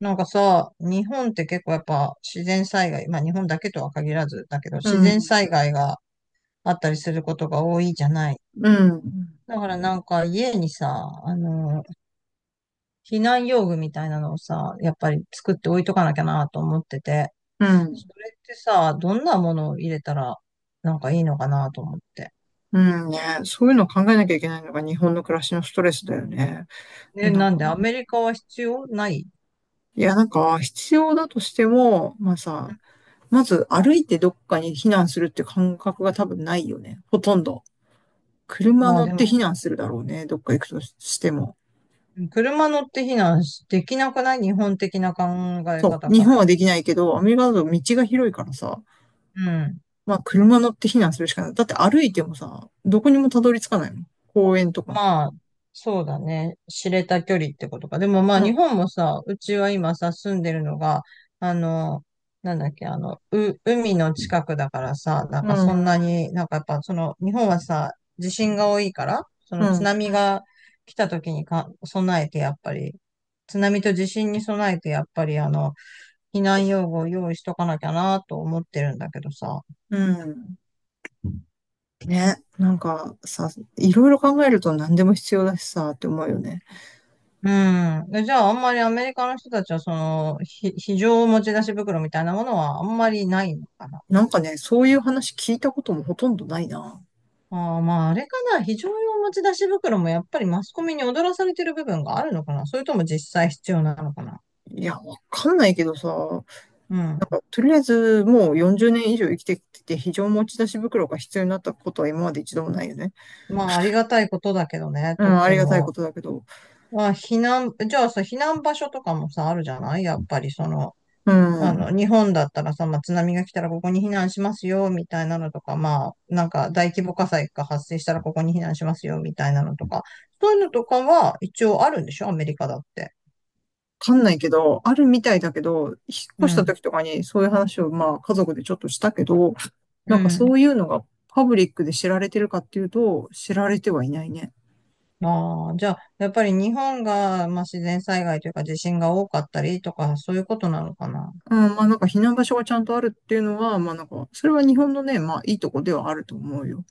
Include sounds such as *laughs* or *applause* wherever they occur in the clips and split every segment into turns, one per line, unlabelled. なんかさ、日本って結構やっぱ自然災害、まあ日本だけとは限らずだけど、
う
自然
ん、
災害があったりすることが多いじゃない。
うん、
だからなんか家にさ、避難用具みたいなのをさ、やっぱり作って置いとかなきゃなと思ってて、
うん、
それってさ、どんなものを入れたらなんかいいのかなと思って。
うんね。そういうのを考えなきゃいけないのが日本の暮らしのストレスだよね。も
ね、
うなん
なん
か、
でアメリカは必要ない？
いや、なんか、必要だとしても、まあさ、まず歩いてどっかに避難するって感覚が多分ないよね。ほとんど。車
まあ
乗っ
で
て避
も、
難するだろうね。どっか行くとしても。
車乗って避難できなくない？日本的な考え
そ
方
う。日
から。
本はできないけど、アメリカだと道が広いからさ、まあ車乗って避難するしかない。だって歩いてもさ、どこにもたどり着かないもん。公園とか。
まあ、そうだね。知れた距離ってことか。でもまあ、
う
日
ん、
本もさ、うちは今さ、住んでるのが、あの、なんだっけ、海の近くだからさ、な
う
んかそんな
ん、
に、なんかやっぱその、日本はさ、地震が多いから、そ
う
の津
ん、
波が来た時にか備えて、やっぱり、津波と地震に備えて、やっぱり避難用具を用意しとかなきゃなと思ってるんだけどさ。
うん。ね、なんかさ、いろいろ考えると何でも必要だしさ、って思うよね。
うん。じゃあ、あんまりアメリカの人たちは、非常持ち出し袋みたいなものはあんまりないのかな。
なんかね、そういう話聞いたこともほとんどないな。
ああ、まあ、あれかな。非常用持ち出し袋もやっぱりマスコミに踊らされてる部分があるのかな。それとも実際必要なのかな。
いや、わかんないけどさ、なん
うん。
かとりあえずもう40年以上生きてきて非常持ち出し袋が必要になったことは今まで一度もないよね。
まあ、ありがたいことだけどね、
う
とっ
ん、あ
て
りがたいこ
も。
とだけど。
まあ、じゃあさ、避難場所とかもさ、あるじゃない？やっぱり、
うん、わ
日本だったらさ、まあ、津波が来たらここに避難しますよ、みたいなのとか、まあ、なんか大規模火災が発生したらここに避難しますよ、みたいなのとか、そういうのとかは一応あるんでしょ？アメリカだって。
かんないけど、あるみたいだけど、引っ
う
越した
ん。
時とかにそういう話をまあ家族でちょっとしたけど、な
う
んか
ん。
そういうのがパブリックで知られてるかっていうと、知られてはいないね。
ああ、じゃあ、やっぱり日本が、まあ、自然災害というか地震が多かったりとか、そういうことなのかな。
うん、まあなんか避難場所がちゃんとあるっていうのは、まあなんか、それは日本のね、まあいいとこではあると思うよ。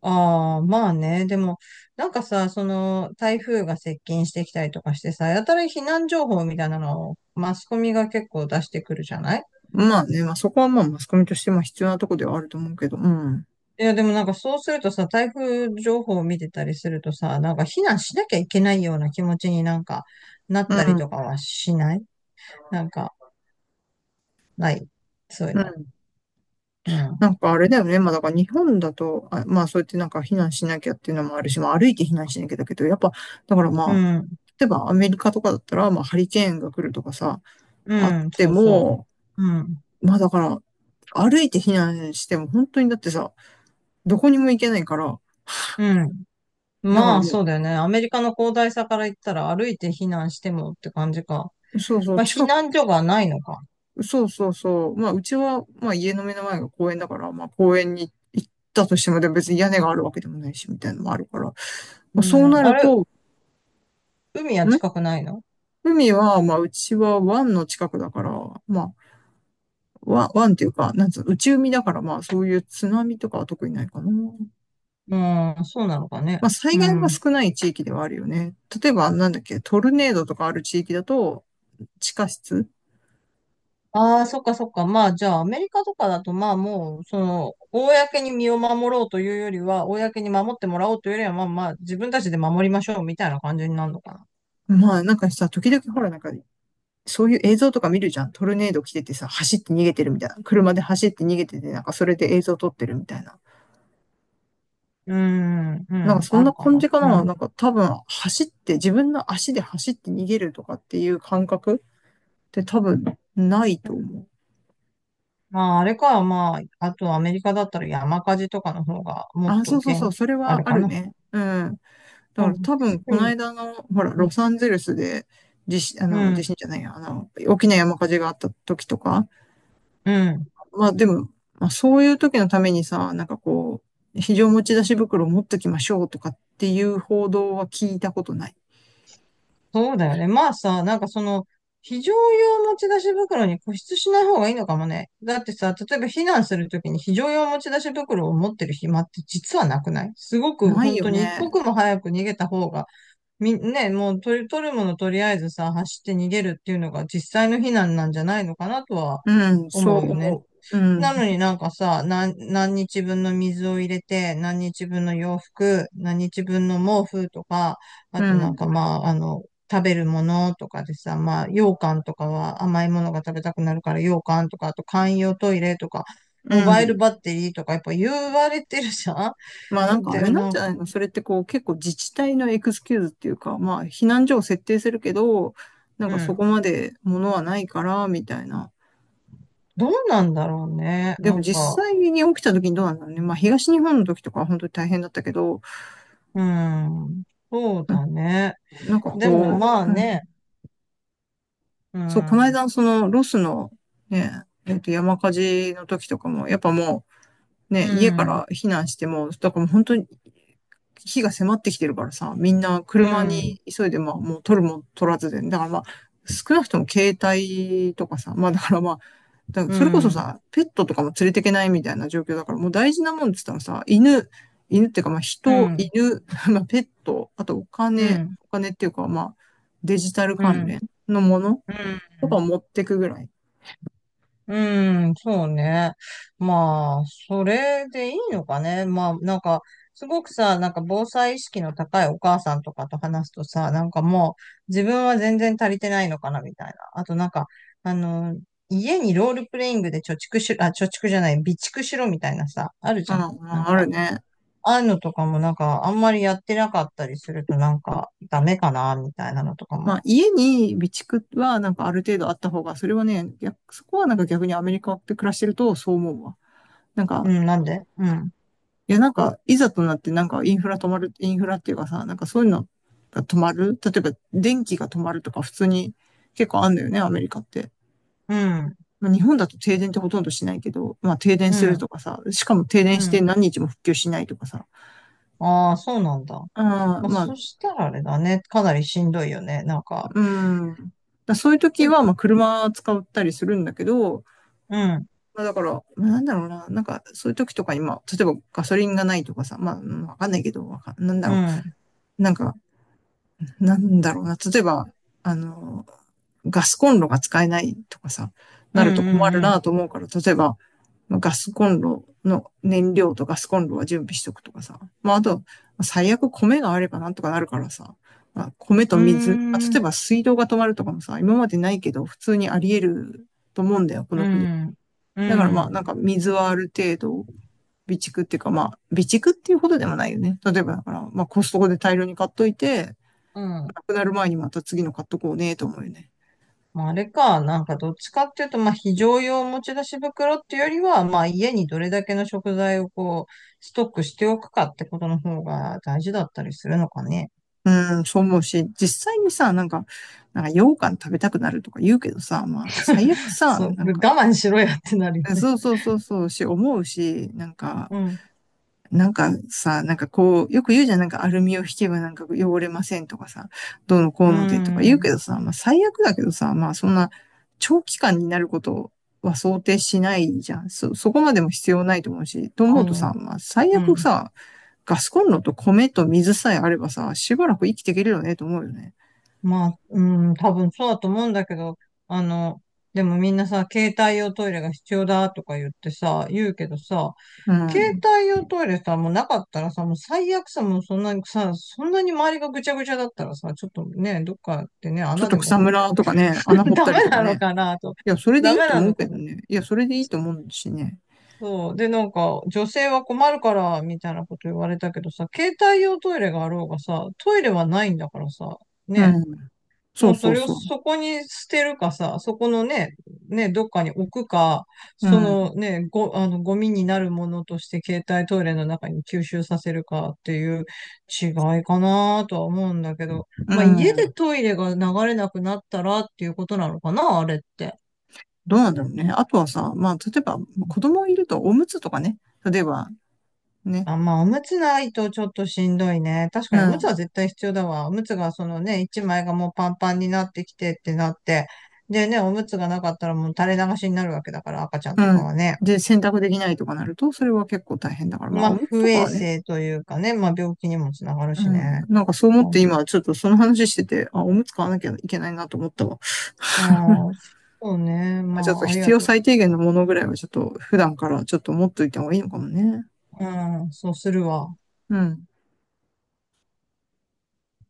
ああ、まあね。でも、なんかさ、台風が接近してきたりとかしてさ、やたら避難情報みたいなのをマスコミが結構出してくるじゃない？
まあね、まあそこはまあマスコミとしても必要なとこではあると思うけど、うん。
いや、でもなんかそうするとさ、台風情報を見てたりするとさ、なんか避難しなきゃいけないような気持ちになんかなっ
う
たり
ん。
とかはしない？なんか、ない。そういう
う
の。
ん。
うん。
なんかあれだよね。まあだから日本だと、あ、まあそうやってなんか避難しなきゃっていうのもあるし、まあ歩いて避難しなきゃだけど、やっぱ、だから
う
まあ、
ん。
例えばアメリカとかだったら、まあハリケーンが来るとかさ、あっ
うん。
て
そうそ
も、
う。うん。
まあだから、歩いて避難しても本当にだってさ、どこにも行けないから、
うん。
だか
ま
ら
あ、
も
そうだよね。アメリカの広大さから言ったら歩いて避難してもって感じか。
う、そうそう、
まあ、避
近く
難所がないのか。
そうそうそう。まあ、うちは、まあ、家の目の前が公園だから、まあ、公園に行ったとしても、でも別に屋根があるわけでもないし、みたいなのもあるから。ま
う
あ、そうな
ん。あ
る
れ、
と、
海
ん
は近くないの？
海は、まあ、うちは湾の近くだから、まあ、湾っていうか、なんつうの、内海だから、まあ、そういう津波とかは特にないかな。ま
うん、そうなのかね。
あ、災
う
害は
ん。
少ない地域ではあるよね。例えば、なんだっけ、トルネードとかある地域だと、地下室
ああ、そっかそっか。まあ、じゃあ、アメリカとかだと、まあ、もう、公に身を守ろうというよりは、公に守ってもらおうというよりは、まあまあ、自分たちで守りましょうみたいな感じになるのかな。
まあ、なんかさ、時々ほら、なんかそういう映像とか見るじゃん。トルネード来ててさ、走って逃げてるみたいな。車で走って逃げてて、なんかそれで映像撮ってるみたいな。
うーん、う
なんか
ん、
そん
あ
な
るか
感
な。
じか
う
な。
ん。
なんか多分走って、自分の足で走って逃げるとかっていう感覚って多分ないと思う。
まあ、あれか、まあ、あとアメリカだったら山火事とかの方が、もっ
あ、
と
そうそうそう、
厳
それ
ある
はあ
か
る
な。
ね。うん。だ
う
から
ん、
多分こ
う
の
ん、
間の、ほら、ロサンゼルスで、地震、あ
う
の、地
ん、
震じゃないや、あの、大きな山火事があった時とか、
うん。
まあでも、まあ、そういう時のためにさ、なんかこう、非常持ち出し袋を持っときましょうとかっていう報道は聞いたことない。
そうだよね。まあさ、なんかその、非常用持ち出し袋に固執しない方がいいのかもね。だってさ、例えば避難するときに非常用持ち出し袋を持ってる暇って実はなくない？すごく
ない
本
よ
当に一
ね。
刻も早く逃げた方が、ね、もう取るものとりあえずさ、走って逃げるっていうのが実際の避難なんじゃないのかなとは
うん、そ
思
う
うよね。
思う。うん、
なのになんかさ、何日分の水を入れて、何日分の洋服、何日分の毛布とか、
う
あとなんか
ん、
まあ、食べるものとかでさ、まあ、羊羹とかは甘いものが食べたくなるから羊羹とか、あと簡易用トイレとか、
う
モバイル
ん。
バッテリーとかやっぱ言われてるじゃ
まあなん
ん。 *laughs*
かあ
で、
れなん
な
じ
ん
ゃ
か、
ないのそれってこう結構自治体のエクスキューズっていうか、まあ避難所を設定するけど、なん
う
かそ
ん。
こまで物はないからみたいな。
どうなんだろうね。
で
な
も
んか、
実際に起きた時にどうなんだろうね。まあ東日本の時とかは本当に大変だったけど、
うん。そう
うん
だね。
なんか
でも
こ
まあ
う、うん
ね、う
そう、この
ん。
間、その、ロスの、ね、山火事の時とかも、やっぱもう、
う
ね、家か
ん。
ら避難しても、だからもう本当に、火が迫ってきてるからさ、みんな
う
車に
ん。
急いで、まあ、もう取るも取らずで、だからまあ、少なくとも携帯とかさ、まあだからまあ、だから
う
それこそ
ん。
さ、ペットとかも連れていけないみたいな状況だから、もう大事なもんって言ったらさ、犬、犬っていうかまあ
う
人、
ん、
犬、*laughs* まあペット、あとお
う
金、
ん、
お金っていうかまあ、デジタル
う
関
ん、
連のもの
う
とか
ん、
持ってくぐらい。
うん、そうね。まあ、それでいいのかね。まあ、なんか、すごくさ、なんか防災意識の高いお母さんとかと話すとさ、なんかもう自分は全然足りてないのかなみたいな。あとなんか、あの、家にロールプレイングで貯蓄しろ、あ、貯蓄じゃない、備蓄しろみたいなさ、ある
う
じ
ん
ゃん。
う
なん
ん、ある
か、
ね。
ああいうのとかもなんか、あんまりやってなかったりするとなんか、ダメかなみたいなのとか
ま
も。
あ、家に備蓄はなんかある程度あった方が、それはね、逆そこはなんか逆にアメリカで暮らしてるとそう思うわ。なん
う
か、
ん、なんでうん。
いやなんか、いざとなってなんかインフラ止まる、インフラっていうかさ、なんかそういうのが止まる。例えば電気が止まるとか普通に結構あんだよね、アメリカって。
うん。
まあ日本だと停電ってほとんどしないけど、まあ停電
う
する
ん、
とかさ、しかも停電
う
して
ん。
何日も復旧しないとかさ、
ああ、そうなんだ。
あ
ま
ー
あ、
まあ
そしたらあれだね。かなりしんどいよね。なんか、
うん。だそういう時
う
は、まあ、車使ったりするんだけど、
うん、
まあ、だから、まあ、なんだろうな、なんか、そういう時とかに、まあ、例えばガソリンがないとかさ、まあ、うんわかんないけど、わかんなんだ
う
ろ
ん、
う、なんか、なんだろうな。例えば、あの、ガスコンロが使えないとかさ、
う
なると困る
ん、うん、
なと思うから、例えば、ガスコンロの燃料とガスコンロは準備しとくとかさ。まあ、あと、最悪米があればなんとかなるからさ。まあ、米と
うー
水。まあ、例
ん、
えば水道が止まるとかもさ、今までないけど、普通にあり得ると思うんだよ、こ
う
の国。
ん、う
だからまあ、
ん、
なんか水はある程度、備蓄っていうかまあ、備蓄っていうほどでもないよね。例えばだから、まあコストコで大量に買っといて、
うん。
なくなる前にまた次の買っとこうね、と思うよね。
まあ、あれか、なんかどっちかっていうと、まあ、非常用持ち出し袋っていうよりは、まあ、家にどれだけの食材をこうストックしておくかってことの方が大事だったりするのかね。
うん、そう思うし、実際にさ、なんか、なんか羊羹食べたくなるとか言うけどさ、まあ、最悪さ、
そう、
なん
我
か、
慢しろやってなるよね。
そうそうそうそうし、思うし、なんか、
うん、
なんかさ、なんかこう、よく言うじゃん、なんかアルミを引けばなんか汚れませんとかさ、どうのこう
う
のでとか言う
ん、
けどさ、まあ最悪だけどさ、まあそんな長期間になることは想定しないじゃん。そこまでも必要ないと思うし、と思
あ
うと
の、
さ、まあ最
う
悪
ん。
さ、ガスコンロと米と水さえあればさ、しばらく生きていけるよねと思うよね。
まあ、うん、多分そうだと思うんだけど、あの、でもみんなさ、携帯用トイレが必要だとか言ってさ、言うけどさ、
う
携
ん。
帯用トイレさ、もうなかったらさ、もう最悪さ、もうそんなにさ、そんなに周りがぐちゃぐちゃだったらさ、ちょっとね、どっかでね、
ちょっ
穴
と
でも
草
掘っ
む
て、
らとかね、穴
*laughs*
掘っ
ダ
たり
メ
とか
なの
ね。
かなと。
いや、それで
ダ
いい
メ
と
な
思う
の
け
か
ど
な。
ね。いや、それでいいと思うしね。
そう。で、なんか、女性は困るから、みたいなこと言われたけどさ、携帯用トイレがあろうがさ、トイレはないんだからさ、
う
ね。
ん。そ
も
う
うそ
そう
れを
そう。
そこに捨てるかさ、そこのね、ね、どっかに置くか、
う
そ
ん。
のね、ご、あの、ゴミになるものとして携帯トイレの中に吸収させるかっていう違いかなとは思うんだけど、
う
まあ家で
ん。
トイレが流れなくなったらっていうことなのかな、あれって。
どうなんだろうね。あとはさ、まあ、例えば、子供いるとおむつとかね。例えば、ね。
あ、まあ、おむつないとちょっとしんどいね。確
う
かにおむつは
ん。
絶対必要だわ。おむつがそのね、一枚がもうパンパンになってきてってなって。でね、おむつがなかったらもう垂れ流しになるわけだから、赤ちゃんと
う
か
ん。
はね。
で、洗濯できないとかなると、それは結構大変だから、まあ、
まあ、
おむつと
不
か
衛
はね。
生というかね、まあ、病気にもつながる
う
し
ん。
ね。
なんかそう思って今、ちょっとその話してて、あ、おむつ買わなきゃいけないなと思ったわ。
う
*laughs*
ん、そうね。ま
ちょっと
あ、あり
必
が
要
と
最低限のものぐらいはちょっと普段からちょっと持っといた方がいいのかもね。
う。うん、そうするわ。
うん。